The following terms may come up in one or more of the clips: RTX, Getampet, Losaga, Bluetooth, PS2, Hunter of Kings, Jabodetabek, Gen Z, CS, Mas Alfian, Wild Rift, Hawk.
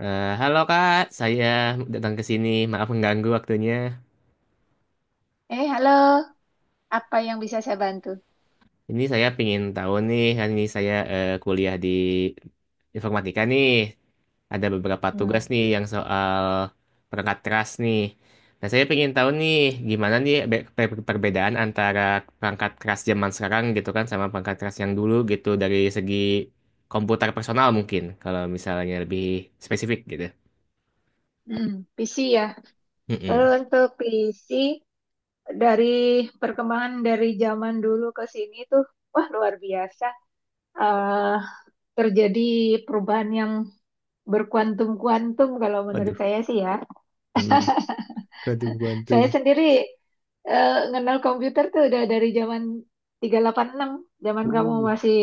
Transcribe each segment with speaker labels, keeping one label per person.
Speaker 1: Halo Kak, saya datang ke sini. Maaf mengganggu waktunya.
Speaker 2: Halo. Apa yang bisa saya bantu?
Speaker 1: Ini saya pingin tahu nih, hari ini saya kuliah di informatika nih. Ada beberapa tugas nih yang soal perangkat keras nih. Nah, saya pingin tahu nih, gimana nih perbedaan antara perangkat keras zaman sekarang gitu kan sama perangkat keras yang dulu gitu dari segi komputer personal mungkin, kalau misalnya lebih spesifik gitu.
Speaker 2: Hmm, PC ya. Lalu
Speaker 1: Mm-mm.
Speaker 2: untuk PC dari perkembangan dari zaman dulu ke sini tuh, wah luar biasa. eh Terjadi perubahan yang berkuantum-kuantum kalau menurut
Speaker 1: Aduh.
Speaker 2: saya sih ya.
Speaker 1: Hmm. Aduh, gantung.
Speaker 2: Saya sendiri kenal komputer tuh udah dari zaman 386. Zaman kamu masih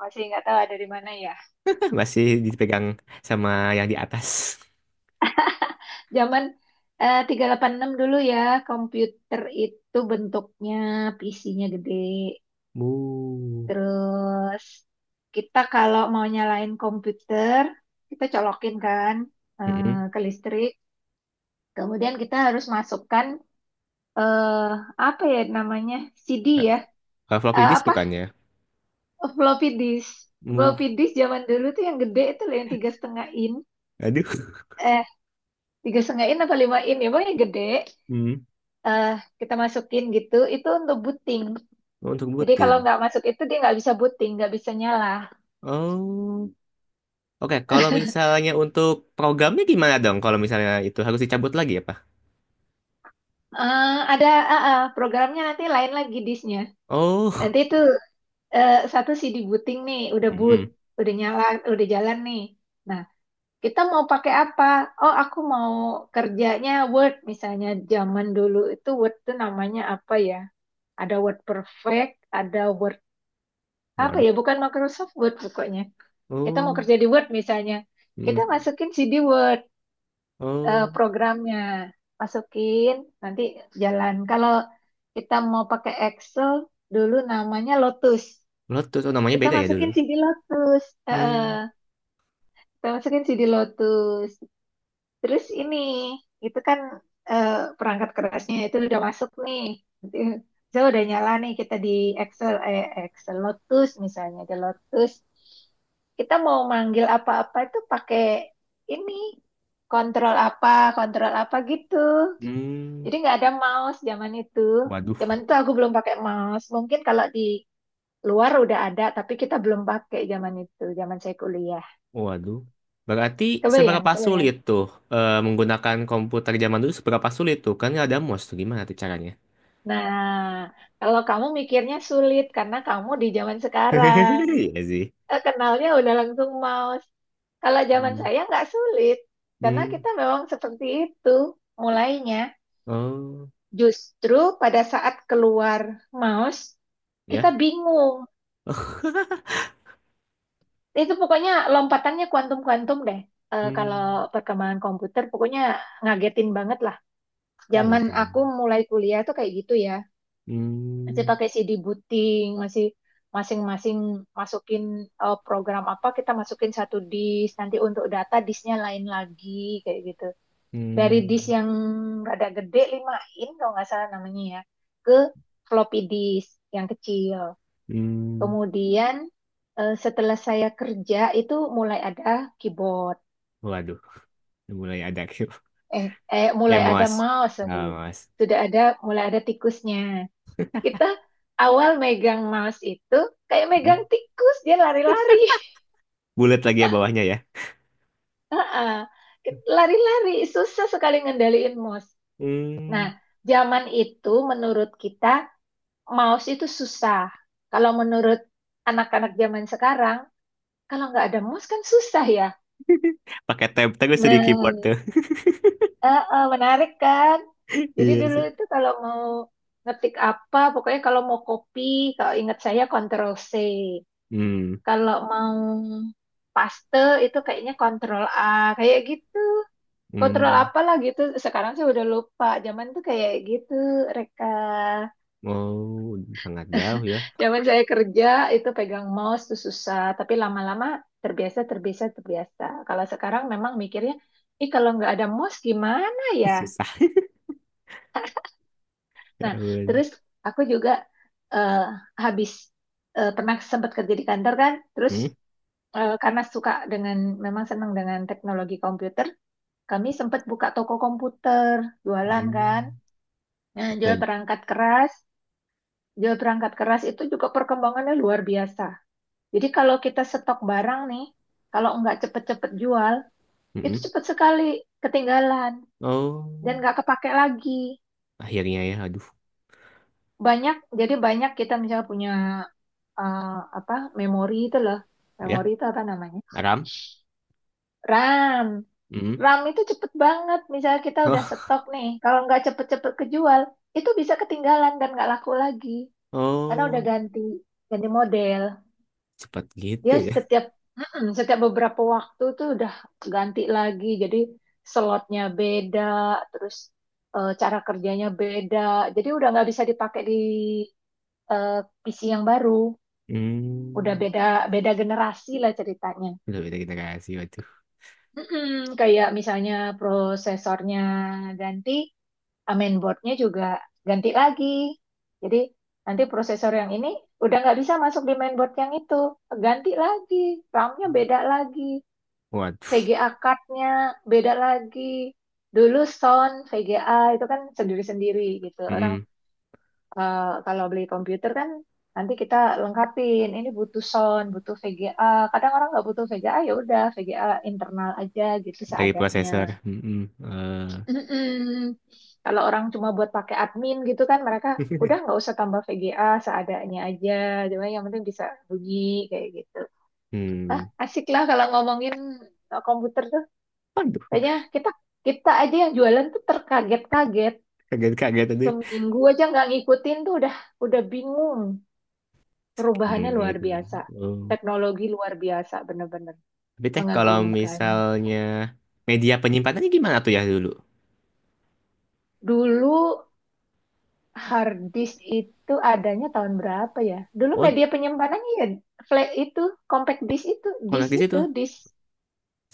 Speaker 2: masih nggak tahu ada di mana ya.
Speaker 1: Masih dipegang sama yang di atas.
Speaker 2: Zaman 386 dulu ya, komputer itu bentuknya PC-nya gede.
Speaker 1: Mu.
Speaker 2: Terus kita kalau mau nyalain komputer, kita colokin kan, eh,
Speaker 1: Mm-mm.
Speaker 2: ke listrik. Kemudian kita harus masukkan eh apa ya namanya? CD ya.
Speaker 1: Kalau floppy
Speaker 2: Eh,
Speaker 1: disk
Speaker 2: apa?
Speaker 1: bukannya.
Speaker 2: Floppy disk.
Speaker 1: Mu.
Speaker 2: Floppy disk zaman dulu tuh yang gede itu loh, yang 3,5 in.
Speaker 1: Aduh.
Speaker 2: Eh, 3,5 in apa 5 in ya, pokoknya gede.
Speaker 1: Hmm.
Speaker 2: eh Kita masukin gitu itu untuk booting.
Speaker 1: Oh, untuk
Speaker 2: Jadi kalau
Speaker 1: booting.
Speaker 2: nggak masuk itu dia nggak bisa booting, nggak bisa nyala.
Speaker 1: Oh. Oke, kalau misalnya untuk programnya gimana dong? Kalau misalnya itu harus dicabut lagi apa?
Speaker 2: Ada, programnya nanti lain lagi disknya.
Speaker 1: Oh.
Speaker 2: Nanti itu satu CD booting nih, udah boot,
Speaker 1: Mm-mm.
Speaker 2: udah nyala, udah jalan nih. Nah, kita mau pakai apa? Oh, aku mau kerjanya Word misalnya. Zaman dulu itu Word tuh namanya apa ya? Ada Word Perfect, ada Word apa
Speaker 1: Waduh.
Speaker 2: ya? Bukan Microsoft Word pokoknya. Kita mau
Speaker 1: Oh.
Speaker 2: kerja di Word misalnya. Kita
Speaker 1: Mm.
Speaker 2: masukin CD Word,
Speaker 1: Oh.
Speaker 2: programnya. Masukin nanti jalan kalau kita mau pakai Excel, dulu namanya Lotus,
Speaker 1: Bluetooth. Oh, namanya
Speaker 2: kita
Speaker 1: beda ya dulu.
Speaker 2: masukin CD Lotus. Eh,
Speaker 1: Hmm.
Speaker 2: eh, kita masukin CD Lotus terus ini itu kan, eh, perangkat kerasnya itu udah masuk nih. Nanti saya udah nyala nih, kita di Excel, Excel Lotus, misalnya di Lotus kita mau manggil apa-apa itu pakai ini kontrol apa, kontrol apa gitu.
Speaker 1: Hmm.
Speaker 2: Jadi nggak ada mouse zaman itu.
Speaker 1: Waduh.
Speaker 2: Zaman itu aku belum pakai mouse. Mungkin kalau di luar udah ada, tapi kita belum pakai zaman itu, zaman saya kuliah.
Speaker 1: Waduh. Berarti
Speaker 2: Kebayang,
Speaker 1: seberapa
Speaker 2: kebayang.
Speaker 1: sulit tuh menggunakan komputer zaman dulu seberapa sulit tuh? Kan nggak ada mouse tuh gimana tuh caranya?
Speaker 2: Nah, kalau kamu mikirnya sulit karena kamu di zaman sekarang,
Speaker 1: Iya sih.
Speaker 2: kenalnya udah langsung mouse. Kalau zaman
Speaker 1: Hmm.
Speaker 2: saya nggak sulit, karena
Speaker 1: Hmm.
Speaker 2: kita memang seperti itu mulainya.
Speaker 1: Oh,
Speaker 2: Justru pada saat keluar mouse,
Speaker 1: ya.
Speaker 2: kita bingung.
Speaker 1: Oh.
Speaker 2: Itu pokoknya lompatannya kuantum-kuantum deh. Kalau
Speaker 1: Hmm.
Speaker 2: perkembangan komputer pokoknya ngagetin banget lah.
Speaker 1: Oh, ada
Speaker 2: Zaman
Speaker 1: tiga.
Speaker 2: aku mulai kuliah tuh kayak gitu ya. Masih
Speaker 1: Hmm.
Speaker 2: pakai CD booting, masih masing-masing masukin program apa, kita masukin satu disk, nanti untuk data disknya lain lagi kayak gitu. Dari disk
Speaker 1: Hmm.
Speaker 2: yang rada gede 5 in kalau nggak salah namanya ya, ke floppy disk yang kecil.
Speaker 1: Hmm.
Speaker 2: Kemudian setelah saya kerja itu mulai ada keyboard.
Speaker 1: Waduh, mulai ada Q.
Speaker 2: Eh, mulai ada
Speaker 1: Mas.
Speaker 2: mouse,
Speaker 1: Ah,
Speaker 2: sorry.
Speaker 1: Mas.
Speaker 2: Sudah ada, mulai ada tikusnya. Kita awal megang mouse itu kayak
Speaker 1: Hmm.
Speaker 2: megang tikus, dia lari-lari.
Speaker 1: Bulat lagi ya bawahnya ya.
Speaker 2: Heeh. Lari-lari, susah sekali ngendaliin mouse. Nah,
Speaker 1: Hmm.
Speaker 2: zaman itu menurut kita mouse itu susah. Kalau menurut anak-anak zaman sekarang, kalau nggak ada mouse kan susah ya.
Speaker 1: Pakai tab terus di
Speaker 2: Nah,
Speaker 1: keyboard tuh.
Speaker 2: Menarik kan? Jadi
Speaker 1: Iya
Speaker 2: dulu
Speaker 1: sih.
Speaker 2: itu kalau mau ngetik apa, pokoknya kalau mau copy, kalau ingat saya Ctrl C.
Speaker 1: Hmm.
Speaker 2: Kalau mau paste itu kayaknya Ctrl A, kayak gitu. Ctrl
Speaker 1: Hmm.
Speaker 2: apalah gitu. Sekarang saya udah lupa. Zaman tuh kayak gitu, Reka.
Speaker 1: Oh, sangat jauh ya.
Speaker 2: Zaman saya kerja itu pegang mouse tuh susah, tapi lama-lama terbiasa, terbiasa, terbiasa. Kalau sekarang memang mikirnya, ih kalau nggak ada mouse gimana ya?
Speaker 1: Susah. Ya
Speaker 2: Nah,
Speaker 1: ampun.
Speaker 2: terus aku juga eh, habis pernah sempat kerja di kantor kan, terus
Speaker 1: Hmm?
Speaker 2: karena suka dengan, memang senang dengan teknologi komputer, kami sempat buka toko komputer, jualan
Speaker 1: Hmm.
Speaker 2: kan. Nah,
Speaker 1: Oke.
Speaker 2: jual perangkat keras itu juga perkembangannya luar biasa. Jadi kalau kita stok barang nih, kalau nggak cepet-cepet jual, itu
Speaker 1: Hmm.
Speaker 2: cepet sekali ketinggalan dan
Speaker 1: Oh,
Speaker 2: nggak kepake lagi.
Speaker 1: akhirnya ya. Aduh,
Speaker 2: Banyak, jadi banyak kita misalnya punya eh, apa memori itu loh,
Speaker 1: ya.
Speaker 2: memori itu apa namanya,
Speaker 1: Aram.
Speaker 2: RAM.
Speaker 1: Hmm.
Speaker 2: RAM itu cepet banget, misalnya kita udah
Speaker 1: Oh,
Speaker 2: stok nih kalau nggak cepet-cepet kejual itu bisa ketinggalan dan nggak laku lagi karena udah
Speaker 1: oh,
Speaker 2: ganti, ganti model.
Speaker 1: cepat gitu
Speaker 2: Dia
Speaker 1: ya.
Speaker 2: setiap setiap beberapa waktu tuh udah ganti lagi, jadi slotnya beda, terus cara kerjanya beda, jadi udah nggak bisa dipakai di eh, PC yang baru. Udah
Speaker 1: Hmm.
Speaker 2: beda, beda generasi lah ceritanya.
Speaker 1: Udah beda generasi, waduh.
Speaker 2: Mm-mm, kayak misalnya prosesornya ganti, main boardnya juga ganti lagi. Jadi nanti prosesor yang ini udah nggak bisa masuk di mainboard yang itu, ganti lagi, RAM-nya beda lagi,
Speaker 1: Waduh.
Speaker 2: VGA card-nya beda lagi. Dulu sound VGA itu kan sendiri-sendiri gitu. Orang
Speaker 1: Hmm.
Speaker 2: kalau beli komputer kan nanti kita lengkapin, ini butuh sound, butuh VGA. Kadang orang nggak butuh VGA, ya udah VGA internal aja gitu
Speaker 1: Dari
Speaker 2: seadanya.
Speaker 1: prosesor. Hmm.
Speaker 2: Mm-mm. Kalau orang cuma buat pakai admin gitu kan mereka udah nggak usah tambah VGA, seadanya aja, cuma yang penting bisa bunyi kayak gitu. Ah,
Speaker 1: Hmm.
Speaker 2: asik lah kalau ngomongin komputer tuh.
Speaker 1: Waduh,
Speaker 2: Kayaknya kita kita aja yang jualan tuh terkaget-kaget.
Speaker 1: kaget-kaget tadi.
Speaker 2: Seminggu aja nggak ngikutin tuh udah bingung.
Speaker 1: Hmm,
Speaker 2: Perubahannya luar
Speaker 1: gitu ya.
Speaker 2: biasa.
Speaker 1: Oh.
Speaker 2: Teknologi luar biasa bener-bener
Speaker 1: Tapi teh kalau
Speaker 2: mengagumkan.
Speaker 1: misalnya media penyimpanannya gimana tuh ya dulu?
Speaker 2: Dulu hard disk itu adanya tahun berapa ya? Dulu
Speaker 1: Oh,
Speaker 2: media penyimpanannya ya flash itu, compact disk itu,
Speaker 1: kontak
Speaker 2: disk
Speaker 1: di situ.
Speaker 2: itu, disk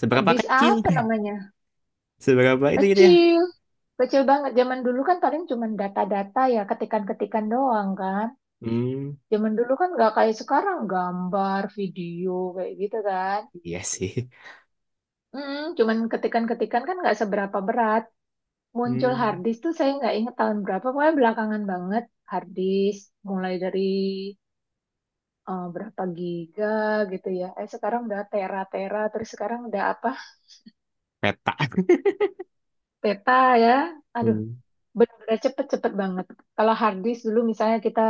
Speaker 1: Seberapa
Speaker 2: disk
Speaker 1: kecil?
Speaker 2: apa namanya?
Speaker 1: Seberapa itu gitu ya?
Speaker 2: Kecil, kecil banget. Zaman dulu kan paling cuma data-data ya, ketikan-ketikan doang kan.
Speaker 1: Hmm.
Speaker 2: Zaman dulu kan nggak kayak sekarang gambar, video kayak gitu kan.
Speaker 1: Iya sih.
Speaker 2: Cuman ketikan-ketikan kan nggak seberapa berat. Muncul hard
Speaker 1: Hmm.
Speaker 2: disk tuh saya nggak inget tahun berapa, pokoknya belakangan banget. Hard disk mulai dari berapa giga gitu ya. Eh sekarang udah tera-tera, terus sekarang udah apa?
Speaker 1: Peta.
Speaker 2: Peta ya. Aduh,
Speaker 1: Hmm.
Speaker 2: benar-benar cepet-cepet banget. Kalau hard disk dulu misalnya kita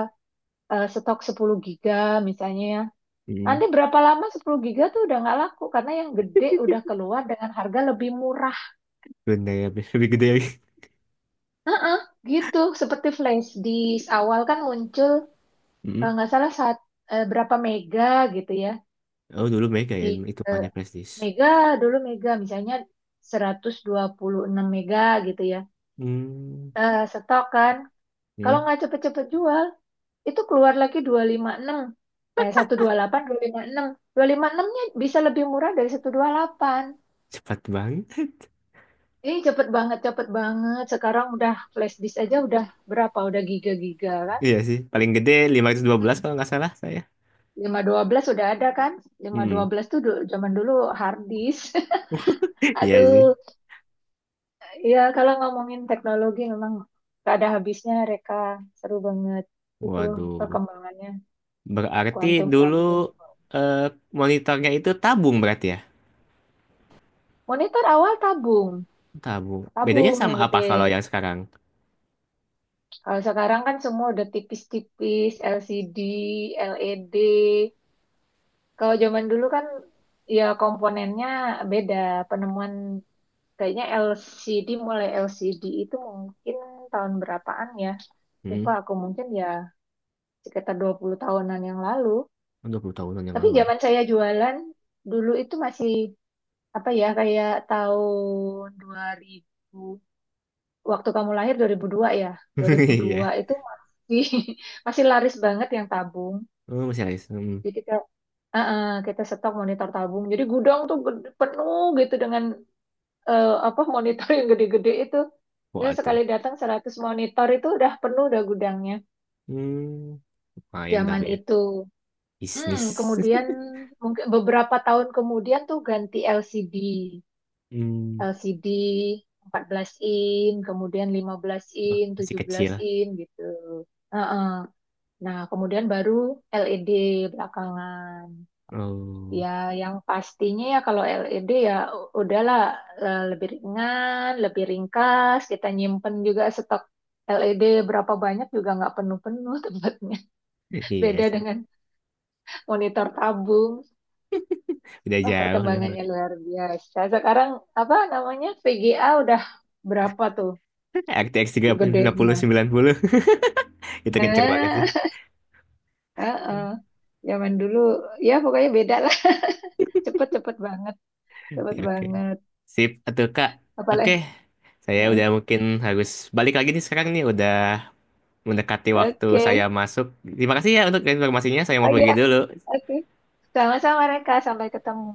Speaker 2: stok 10 giga misalnya ya.
Speaker 1: Hmm.
Speaker 2: Nanti berapa lama 10 giga tuh udah nggak laku karena yang gede udah keluar dengan harga lebih murah
Speaker 1: Gundala lebih gede lagi.
Speaker 2: gitu. Seperti flash disk awal kan muncul
Speaker 1: Hmm.
Speaker 2: kalau nggak salah saat berapa mega gitu ya.
Speaker 1: Oh dulu Mega ya
Speaker 2: Di eh,
Speaker 1: hitungannya prestis.
Speaker 2: mega, dulu mega misalnya 126 mega gitu ya.
Speaker 1: Hmm.
Speaker 2: Nah, stok kan. Kalau
Speaker 1: Hmm.
Speaker 2: nggak cepet-cepet jual, itu keluar lagi 256. Eh, 128, 256. 256-nya bisa lebih murah dari 128.
Speaker 1: Cepat banget.
Speaker 2: Ini cepet banget, cepet banget. Sekarang udah flash disk aja udah berapa? Udah giga-giga kan?
Speaker 1: Iya sih. Paling gede 512
Speaker 2: Hmm.
Speaker 1: kalau nggak salah saya.
Speaker 2: 512 udah ada kan? lima ratus dua
Speaker 1: Hmm.
Speaker 2: belas tuh zaman dulu hard disk.
Speaker 1: Iya sih.
Speaker 2: Aduh, ya kalau ngomongin teknologi memang gak ada habisnya, Reka. Seru banget itu
Speaker 1: Waduh.
Speaker 2: perkembangannya
Speaker 1: Berarti dulu
Speaker 2: kuantum-kuantum.
Speaker 1: eh, monitornya itu tabung berarti ya?
Speaker 2: Monitor awal tabung,
Speaker 1: Tabung. Bedanya
Speaker 2: tabung
Speaker 1: sama
Speaker 2: yang
Speaker 1: apa kalau
Speaker 2: gede.
Speaker 1: yang sekarang?
Speaker 2: Kalau sekarang kan semua udah tipis-tipis, LCD, LED. Kalau zaman dulu kan ya komponennya beda. Penemuan kayaknya LCD, mulai LCD itu mungkin tahun berapaan ya? Lupa
Speaker 1: Hmm.
Speaker 2: aku, mungkin ya sekitar 20 tahunan yang lalu.
Speaker 1: Oh, 20 tahunan yang
Speaker 2: Tapi
Speaker 1: lalu. Aduh.
Speaker 2: zaman saya jualan dulu itu masih apa ya, kayak tahun 2000. Waktu kamu lahir 2002 ya. dua ribu
Speaker 1: Iya.
Speaker 2: dua itu masih masih laris banget yang tabung.
Speaker 1: Oh, masih ada. Hmm.
Speaker 2: Jadi kita stok monitor tabung. Jadi gudang tuh penuh gitu dengan apa monitor yang gede-gede itu. Ya sekali
Speaker 1: Waduh.
Speaker 2: datang 100 monitor itu udah penuh, udah gudangnya
Speaker 1: Hmm. Lumayan
Speaker 2: zaman
Speaker 1: tapi ya.
Speaker 2: itu.
Speaker 1: Bisnis.
Speaker 2: Kemudian mungkin beberapa tahun kemudian tuh ganti LCD.
Speaker 1: Hmm,
Speaker 2: LCD belas in, kemudian 15
Speaker 1: oh,
Speaker 2: in,
Speaker 1: masih
Speaker 2: 17
Speaker 1: kecil.
Speaker 2: in gitu. Heeh. Nah, kemudian baru LED belakangan.
Speaker 1: Oh,
Speaker 2: Ya, yang pastinya ya kalau LED ya udahlah, lebih ringan, lebih ringkas. Kita nyimpen juga stok LED berapa banyak juga nggak penuh-penuh tempatnya.
Speaker 1: iya
Speaker 2: Beda
Speaker 1: sih.
Speaker 2: dengan monitor tabung.
Speaker 1: Udah
Speaker 2: Wah,
Speaker 1: jauh lah.
Speaker 2: perkembangannya luar biasa. Sekarang apa namanya VGA udah berapa tuh
Speaker 1: R T X tiga puluh
Speaker 2: gedenya?
Speaker 1: sembilan puluh itu kenceng banget sih.
Speaker 2: Nah, heeh. Zaman dulu ya pokoknya beda lah. Cepet-cepet banget. Cepet
Speaker 1: Ya, oke.
Speaker 2: banget.
Speaker 1: Sip, atau Kak. Oke.
Speaker 2: Apalagi.
Speaker 1: Saya
Speaker 2: Heeh.
Speaker 1: udah mungkin harus balik lagi nih sekarang nih udah mendekati waktu saya
Speaker 2: Oke.
Speaker 1: masuk. Terima kasih ya untuk informasinya. Saya
Speaker 2: Oh
Speaker 1: mau pergi
Speaker 2: iya,
Speaker 1: dulu.
Speaker 2: oke. Sama-sama Reka, sampai ketemu.